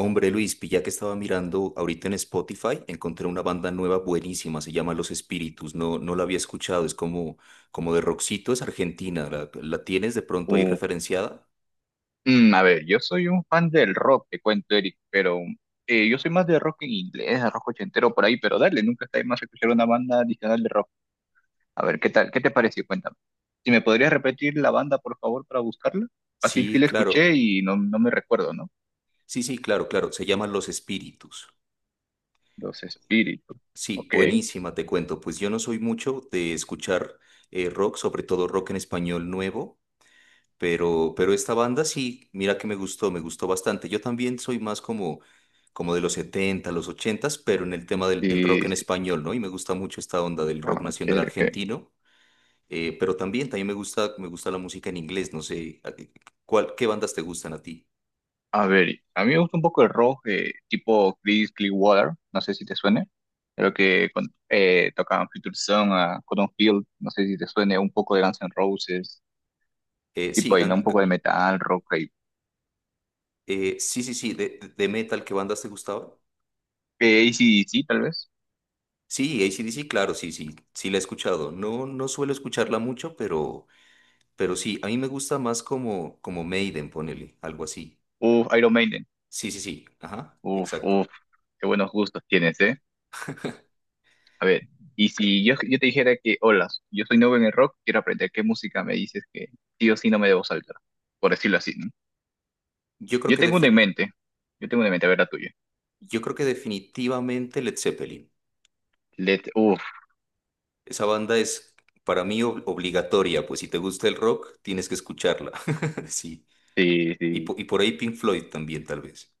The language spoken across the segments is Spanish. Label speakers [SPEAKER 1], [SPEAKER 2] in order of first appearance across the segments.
[SPEAKER 1] Hombre Luis, pilla que estaba mirando ahorita en Spotify, encontré una banda nueva buenísima, se llama Los Espíritus, no, no la había escuchado, es como de rockcito, es argentina, ¿la tienes de pronto ahí
[SPEAKER 2] Uh,
[SPEAKER 1] referenciada?
[SPEAKER 2] a ver, yo soy un fan del rock, te cuento, Eric, pero yo soy más de rock en inglés, de rock ochentero por ahí, pero dale, nunca está de más escuchar una banda adicional de rock. A ver, ¿qué tal? ¿Qué te pareció? Cuéntame. Si me podrías repetir la banda, por favor, para buscarla. Así sí
[SPEAKER 1] Sí,
[SPEAKER 2] la escuché
[SPEAKER 1] claro,
[SPEAKER 2] y no, no me recuerdo, ¿no?
[SPEAKER 1] sí, sí, claro, claro, se llama Los Espíritus.
[SPEAKER 2] Los Espíritus.
[SPEAKER 1] Sí,
[SPEAKER 2] Ok.
[SPEAKER 1] buenísima, te cuento, pues yo no soy mucho de escuchar rock, sobre todo rock en español nuevo. Pero esta banda sí, mira que me gustó bastante. Yo también soy más como de los 70 los 80, pero en el tema del rock
[SPEAKER 2] Sí,
[SPEAKER 1] en
[SPEAKER 2] sí.
[SPEAKER 1] español, ¿no? Y me gusta mucho esta onda del rock
[SPEAKER 2] Ah, ok,
[SPEAKER 1] nacional
[SPEAKER 2] ok.
[SPEAKER 1] argentino. Pero también me gusta la música en inglés, no sé. ¿Qué bandas te gustan a ti?
[SPEAKER 2] A ver, a mí me gusta un poco el rock tipo Chris Clearwater, no sé si te suene. Creo que tocaban Future Song a Cotton Field, no sé si te suene un poco de Guns N' Roses,
[SPEAKER 1] Sí,
[SPEAKER 2] tipo ahí, ¿no? Un poco de metal, rock, ahí.
[SPEAKER 1] sí, sí, sí, de metal, ¿qué bandas te gustaban?
[SPEAKER 2] AC/DC tal vez.
[SPEAKER 1] Sí, AC/DC, claro, sí, sí, sí la he escuchado. No, no suelo escucharla mucho, pero sí, a mí me gusta más como Maiden, ponele, algo así.
[SPEAKER 2] Uf, Iron Maiden.
[SPEAKER 1] Sí, sí, sí. Ajá,
[SPEAKER 2] Uf, uf,
[SPEAKER 1] exacto.
[SPEAKER 2] qué buenos gustos tienes, ¿eh? A ver, y si yo te dijera que, hola, yo soy nuevo en el rock, quiero aprender qué música me dices que sí o sí no me debo saltar, por decirlo así, ¿no?
[SPEAKER 1] Yo creo
[SPEAKER 2] Yo
[SPEAKER 1] que,
[SPEAKER 2] tengo una en
[SPEAKER 1] defi-
[SPEAKER 2] mente, yo tengo una en mente, a ver la tuya.
[SPEAKER 1] yo creo que definitivamente Led Zeppelin.
[SPEAKER 2] Let,
[SPEAKER 1] Esa banda es para mí obligatoria, pues si te gusta el rock, tienes que escucharla. Sí.
[SPEAKER 2] sí,
[SPEAKER 1] Y,
[SPEAKER 2] sí,
[SPEAKER 1] po- y por ahí Pink Floyd también, tal vez.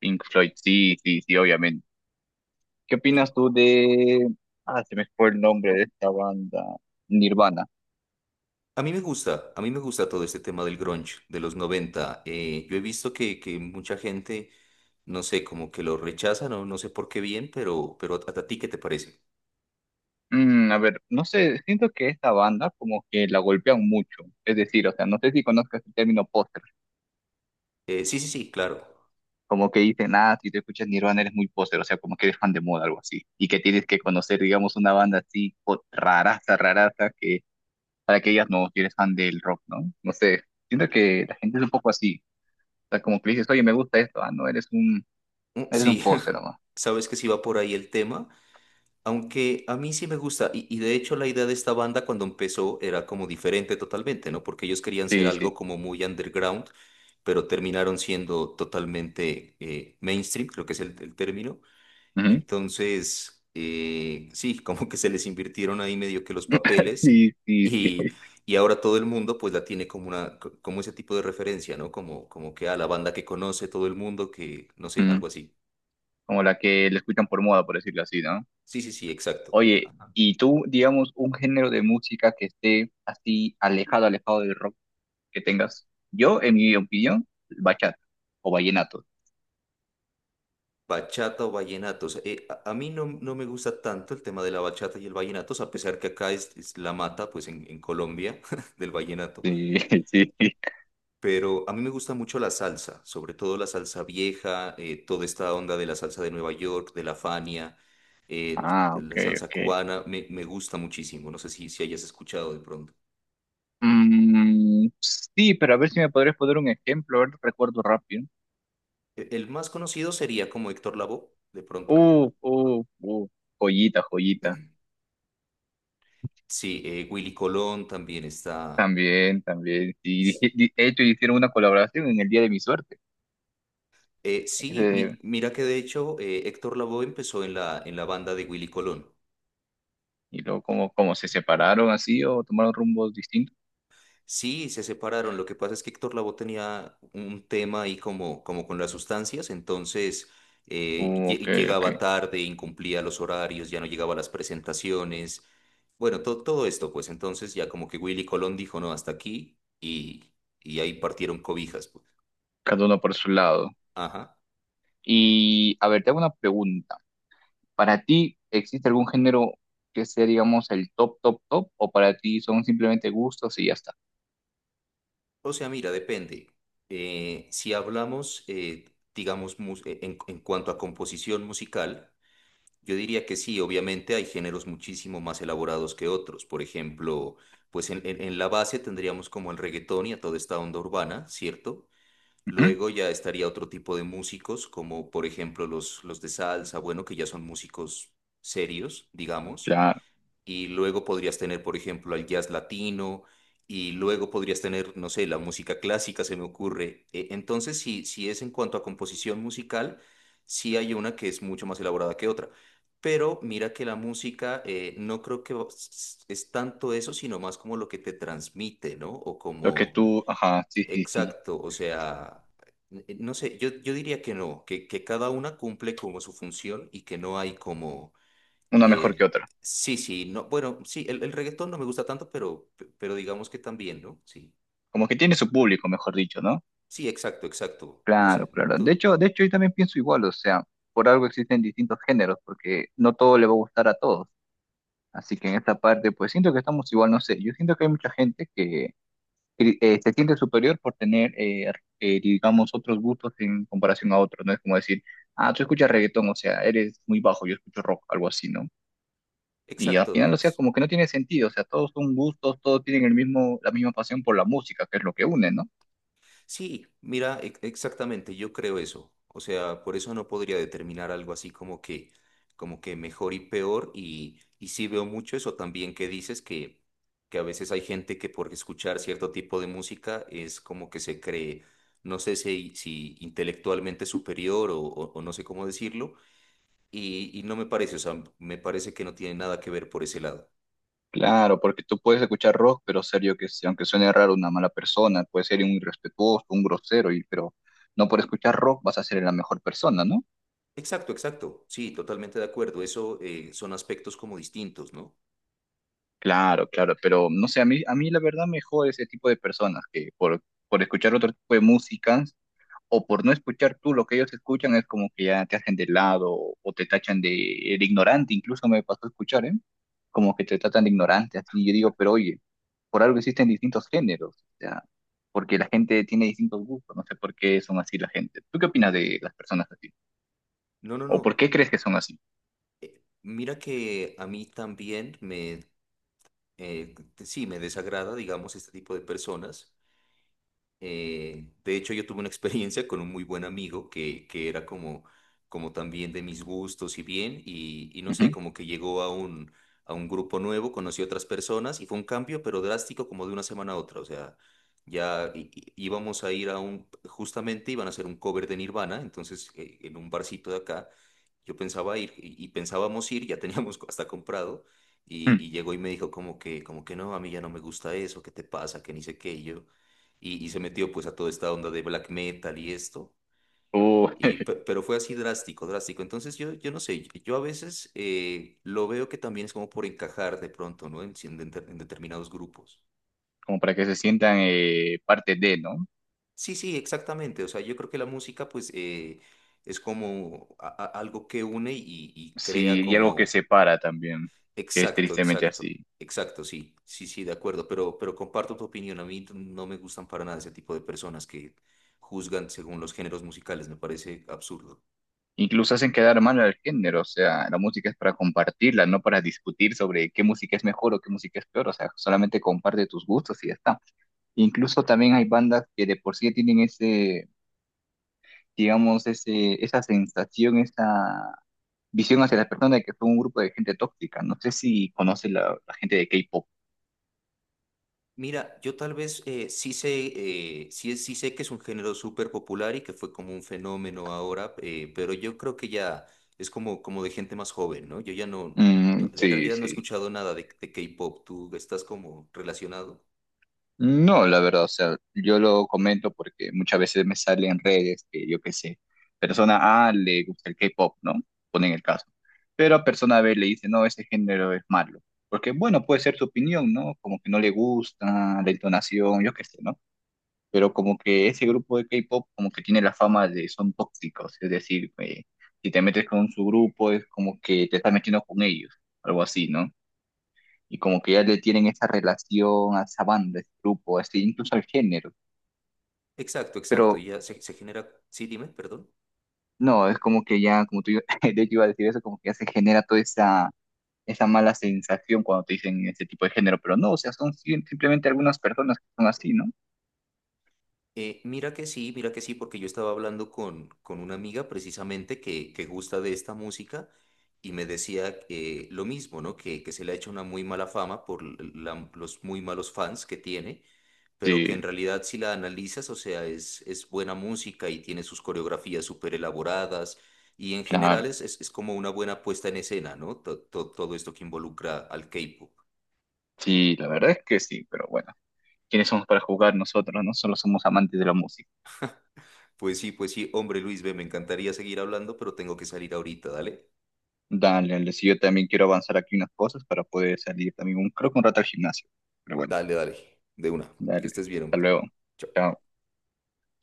[SPEAKER 2] Pink Floyd, sí, sí, sí, obviamente. ¿Qué
[SPEAKER 1] Y
[SPEAKER 2] opinas tú de... Ah, se me fue el nombre de esta banda, Nirvana.
[SPEAKER 1] a mí me gusta todo este tema del grunge de los 90. Yo he visto que mucha gente, no sé, como que lo rechaza, no, no sé por qué bien, pero a ti, ¿qué te parece?
[SPEAKER 2] A ver, no sé, siento que esta banda como que la golpean mucho. Es decir, o sea, no sé si conozcas el término póster.
[SPEAKER 1] Sí, sí, sí, claro.
[SPEAKER 2] Como que dicen, ah, si te escuchas Nirvana eres muy póster, o sea, como que eres fan de moda, algo así. Y que tienes que conocer, digamos, una banda así raraza, raraza, que para que ellas no, si eres fan del rock, ¿no? No sé, siento que la gente es un poco así. O sea, como que le dices, oye, me gusta esto, ah, no, eres un.
[SPEAKER 1] Mm,
[SPEAKER 2] Eres un
[SPEAKER 1] sí.
[SPEAKER 2] póster nomás.
[SPEAKER 1] Sabes que sí va por ahí el tema. Aunque a mí sí me gusta, y de hecho la idea de esta banda cuando empezó era como diferente totalmente, ¿no? Porque ellos querían ser
[SPEAKER 2] Sí,
[SPEAKER 1] algo
[SPEAKER 2] sí.
[SPEAKER 1] como muy underground, pero terminaron siendo totalmente mainstream, creo que es el término.
[SPEAKER 2] Ujú.
[SPEAKER 1] Entonces, sí, como que se les invirtieron ahí medio que los papeles
[SPEAKER 2] Sí, sí,
[SPEAKER 1] y,
[SPEAKER 2] sí.
[SPEAKER 1] y ahora todo el mundo pues la tiene como como ese tipo de referencia, ¿no? Como que a la banda que conoce todo el mundo, que no sé,
[SPEAKER 2] Ujú.
[SPEAKER 1] algo así.
[SPEAKER 2] Como la que le escuchan por moda, por decirlo así, ¿no?
[SPEAKER 1] Sí, sí, sí, exacto.
[SPEAKER 2] Oye, ¿y tú, digamos, un género de música que esté así alejado, alejado del rock que tengas? Yo, en mi opinión, bachata o vallenato.
[SPEAKER 1] Bachata o vallenatos. A mí no, no me gusta tanto el tema de la bachata y el vallenato, o sea, a pesar que acá es la mata, pues en Colombia, del vallenato.
[SPEAKER 2] Sí, sí.
[SPEAKER 1] Pero a mí me gusta mucho la salsa, sobre todo la salsa vieja, toda esta onda de la salsa de Nueva York, de la Fania, eh,
[SPEAKER 2] Ah,
[SPEAKER 1] de
[SPEAKER 2] ok,
[SPEAKER 1] la salsa
[SPEAKER 2] ok.
[SPEAKER 1] cubana, me gusta muchísimo. No sé si hayas escuchado de pronto.
[SPEAKER 2] Mm, sí, pero a ver si me podrías poner un ejemplo, a ver, recuerdo rápido.
[SPEAKER 1] El más conocido sería como Héctor Lavoe, de pronto.
[SPEAKER 2] Uh, uh, uh, joyita, joyita.
[SPEAKER 1] Sí, Willy Colón también está.
[SPEAKER 2] También, también. Y de hecho hicieron una colaboración en el día de mi suerte.
[SPEAKER 1] Sí, mi-
[SPEAKER 2] Ese-
[SPEAKER 1] mira que de hecho Héctor Lavoe empezó en la banda de Willy Colón.
[SPEAKER 2] y luego como, como se separaron así o tomaron rumbos distintos.
[SPEAKER 1] Sí, se separaron. Lo que pasa es que Héctor Lavoe tenía un tema ahí como con las sustancias, entonces
[SPEAKER 2] Ok,
[SPEAKER 1] llegaba
[SPEAKER 2] ok.
[SPEAKER 1] tarde, incumplía los horarios, ya no llegaba a las presentaciones. Bueno, todo esto, pues entonces ya como que Willy Colón dijo no, hasta aquí y ahí partieron cobijas, pues.
[SPEAKER 2] Cada uno por su lado.
[SPEAKER 1] Ajá.
[SPEAKER 2] Y a ver, te hago una pregunta. ¿Para ti existe algún género que sea, digamos, el top, top, top? ¿O para ti son simplemente gustos y ya está?
[SPEAKER 1] O sea, mira, depende. Si hablamos, digamos, en cuanto a composición musical, yo diría que sí, obviamente hay géneros muchísimo más elaborados que otros. Por ejemplo, pues en la base tendríamos como el reggaetón y a toda esta onda urbana, ¿cierto?
[SPEAKER 2] Ujú,
[SPEAKER 1] Luego ya estaría otro tipo de músicos, como por ejemplo los de salsa, bueno, que ya son músicos serios, digamos,
[SPEAKER 2] claro.
[SPEAKER 1] y luego podrías tener, por ejemplo, al jazz latino, y luego podrías tener, no sé, la música clásica, se me ocurre. Entonces, si es en cuanto a composición musical, sí hay una que es mucho más elaborada que otra. Pero mira que la música no creo que es tanto eso, sino más como lo que te transmite, ¿no? O
[SPEAKER 2] Lo que
[SPEAKER 1] como,
[SPEAKER 2] tú, ajá, sí, sí, sí.
[SPEAKER 1] exacto, o sea, no sé, yo diría que no, que cada una cumple como su función y que no hay como
[SPEAKER 2] Una mejor que
[SPEAKER 1] eh,
[SPEAKER 2] otra.
[SPEAKER 1] sí, sí, no, bueno, sí, el reggaetón no me gusta tanto, pero digamos que también, ¿no? Sí,
[SPEAKER 2] Como que tiene su público, mejor dicho, ¿no?
[SPEAKER 1] sí, exacto, exacto. No
[SPEAKER 2] Claro,
[SPEAKER 1] sé,
[SPEAKER 2] claro.
[SPEAKER 1] tú,
[SPEAKER 2] De hecho, yo también pienso igual, o sea, por algo existen distintos géneros, porque no todo le va a gustar a todos. Así que en esta parte, pues siento que estamos igual, no sé, yo siento que hay mucha gente que se siente superior por tener, digamos, otros gustos en comparación a otros, ¿no? Es como decir, ah, tú escuchas reggaetón, o sea, eres muy bajo, yo escucho rock, algo así, ¿no? Y al final,
[SPEAKER 1] exacto.
[SPEAKER 2] o sea, como que no tiene sentido, o sea, todos son gustos, todos tienen el mismo, la misma pasión por la música, que es lo que une, ¿no?
[SPEAKER 1] Sí, mira, exactamente, yo creo eso. O sea, por eso no podría determinar algo así como que, mejor y peor. Y sí veo mucho eso también que dices que a veces hay gente que por escuchar cierto tipo de música es como que se cree, no sé si intelectualmente superior o o no sé cómo decirlo. Y no me parece, o sea, me parece que no tiene nada que ver por ese lado.
[SPEAKER 2] Claro, porque tú puedes escuchar rock, pero serio que sí, aunque suene raro una mala persona, puede ser un irrespetuoso, un grosero, y, pero no por escuchar rock vas a ser la mejor persona, ¿no?
[SPEAKER 1] Exacto, exacto. Sí, totalmente de acuerdo. Eso son aspectos como distintos, ¿no?
[SPEAKER 2] Claro, claro, pero no sé, a mí la verdad me jode ese tipo de personas que por escuchar otro tipo de música o por no escuchar tú lo que ellos escuchan es como que ya te hacen de lado o te tachan de ignorante, incluso me pasó a escuchar, ¿eh? Como que te tratan de ignorante, así yo digo, pero oye. Por algo existen distintos géneros, o sea, porque la gente tiene distintos gustos, no sé por qué son así la gente. ¿Tú qué opinas de las personas así?
[SPEAKER 1] No, no,
[SPEAKER 2] ¿O por
[SPEAKER 1] no.
[SPEAKER 2] qué crees que son así?
[SPEAKER 1] Mira que a mí también eh, sí, me desagrada, digamos, este tipo de personas. De hecho, yo tuve una experiencia con un muy buen amigo que era como también de mis gustos y bien, y no sé,
[SPEAKER 2] Ujú.
[SPEAKER 1] como que llegó a un, grupo nuevo, conoció otras personas y fue un cambio, pero drástico como de una semana a otra. O sea, ya íbamos a ir justamente iban a hacer un cover de Nirvana, entonces en un barcito de acá, yo pensaba ir y pensábamos ir, ya teníamos hasta comprado, y,
[SPEAKER 2] Mm.
[SPEAKER 1] y llegó y me dijo como que no, a mí ya no me gusta eso, ¿qué te pasa? Que ni sé qué, y yo y se metió pues a toda esta onda de black metal y esto,
[SPEAKER 2] O
[SPEAKER 1] pero fue así drástico, drástico. Entonces yo no sé, yo a veces lo veo que también es como por encajar de pronto, ¿no? En, si en de- en determinados grupos.
[SPEAKER 2] como para que se sientan parte de, ¿no?
[SPEAKER 1] Sí, sí, exactamente. O sea, yo creo que la música pues es como algo que une y crea
[SPEAKER 2] Sí, y algo que
[SPEAKER 1] como...
[SPEAKER 2] separa también, que es
[SPEAKER 1] Exacto,
[SPEAKER 2] tristemente
[SPEAKER 1] exacto.
[SPEAKER 2] así.
[SPEAKER 1] Exacto, sí, sí, sí, de acuerdo, pero comparto tu opinión. A mí no me gustan para nada ese tipo de personas que juzgan según los géneros musicales, me parece absurdo.
[SPEAKER 2] Incluso hacen quedar mal al género, o sea, la música es para compartirla, no para discutir sobre qué música es mejor o qué música es peor, o sea, solamente comparte tus gustos y ya está. Incluso también hay bandas que de por sí tienen ese digamos, ese, esa sensación, esa visión hacia la persona de que fue un grupo de gente tóxica. No sé si conoce la, la gente de K-pop.
[SPEAKER 1] Mira, yo tal vez sí sé, sí, sí sé que es un género súper popular y que fue como un fenómeno ahora, pero yo creo que ya es como de gente más joven, ¿no? Yo ya no,
[SPEAKER 2] Mm,
[SPEAKER 1] en
[SPEAKER 2] sí,
[SPEAKER 1] realidad no he
[SPEAKER 2] sí.
[SPEAKER 1] escuchado nada de K-pop, tú estás como relacionado.
[SPEAKER 2] No, la verdad, o sea, yo lo comento porque muchas veces me sale en redes que yo qué sé, persona A le gusta el K-pop, ¿no? Ponen el caso. Pero a persona B le dice, no, ese género es malo. Porque, bueno, puede ser su opinión, ¿no? Como que no le gusta, la entonación, yo qué sé, ¿no? Pero como que ese grupo de K-pop como que tiene la fama de son tóxicos, es decir, si te metes con su grupo es como que te estás metiendo con ellos, algo así, ¿no? Y como que ya le tienen esa relación a esa banda, a ese grupo, así, incluso al género,
[SPEAKER 1] Exacto, exacto,
[SPEAKER 2] pero
[SPEAKER 1] ya se genera, sí, dime, perdón.
[SPEAKER 2] no, es como que ya, como tú, de hecho iba a decir eso, como que ya se genera toda esa, esa mala sensación cuando te dicen ese tipo de género, pero no, o sea, son simplemente algunas personas que son así, ¿no?
[SPEAKER 1] Mira que sí, porque yo estaba hablando con una amiga precisamente que gusta de esta música y me decía que lo mismo, ¿no? Que se le ha hecho una muy mala fama por los muy malos fans que tiene, pero
[SPEAKER 2] Sí,
[SPEAKER 1] que en realidad si la analizas, o sea, es buena música y tiene sus coreografías súper elaboradas y en general
[SPEAKER 2] claro,
[SPEAKER 1] es como una buena puesta en escena, ¿no? Todo esto que involucra al K-pop.
[SPEAKER 2] sí, la verdad es que sí, pero bueno. Quiénes somos para jugar nosotros, ¿no? Solo somos amantes de la música.
[SPEAKER 1] Pues sí, hombre Luis, ve, me encantaría seguir hablando, pero tengo que salir ahorita, dale.
[SPEAKER 2] Dale, dale, si yo también quiero avanzar aquí unas cosas para poder salir también, un, creo que un rato al gimnasio. Pero bueno,
[SPEAKER 1] Dale, dale, de una. Que
[SPEAKER 2] dale,
[SPEAKER 1] estés bien,
[SPEAKER 2] hasta
[SPEAKER 1] hombre.
[SPEAKER 2] luego.
[SPEAKER 1] Chao.
[SPEAKER 2] Chao.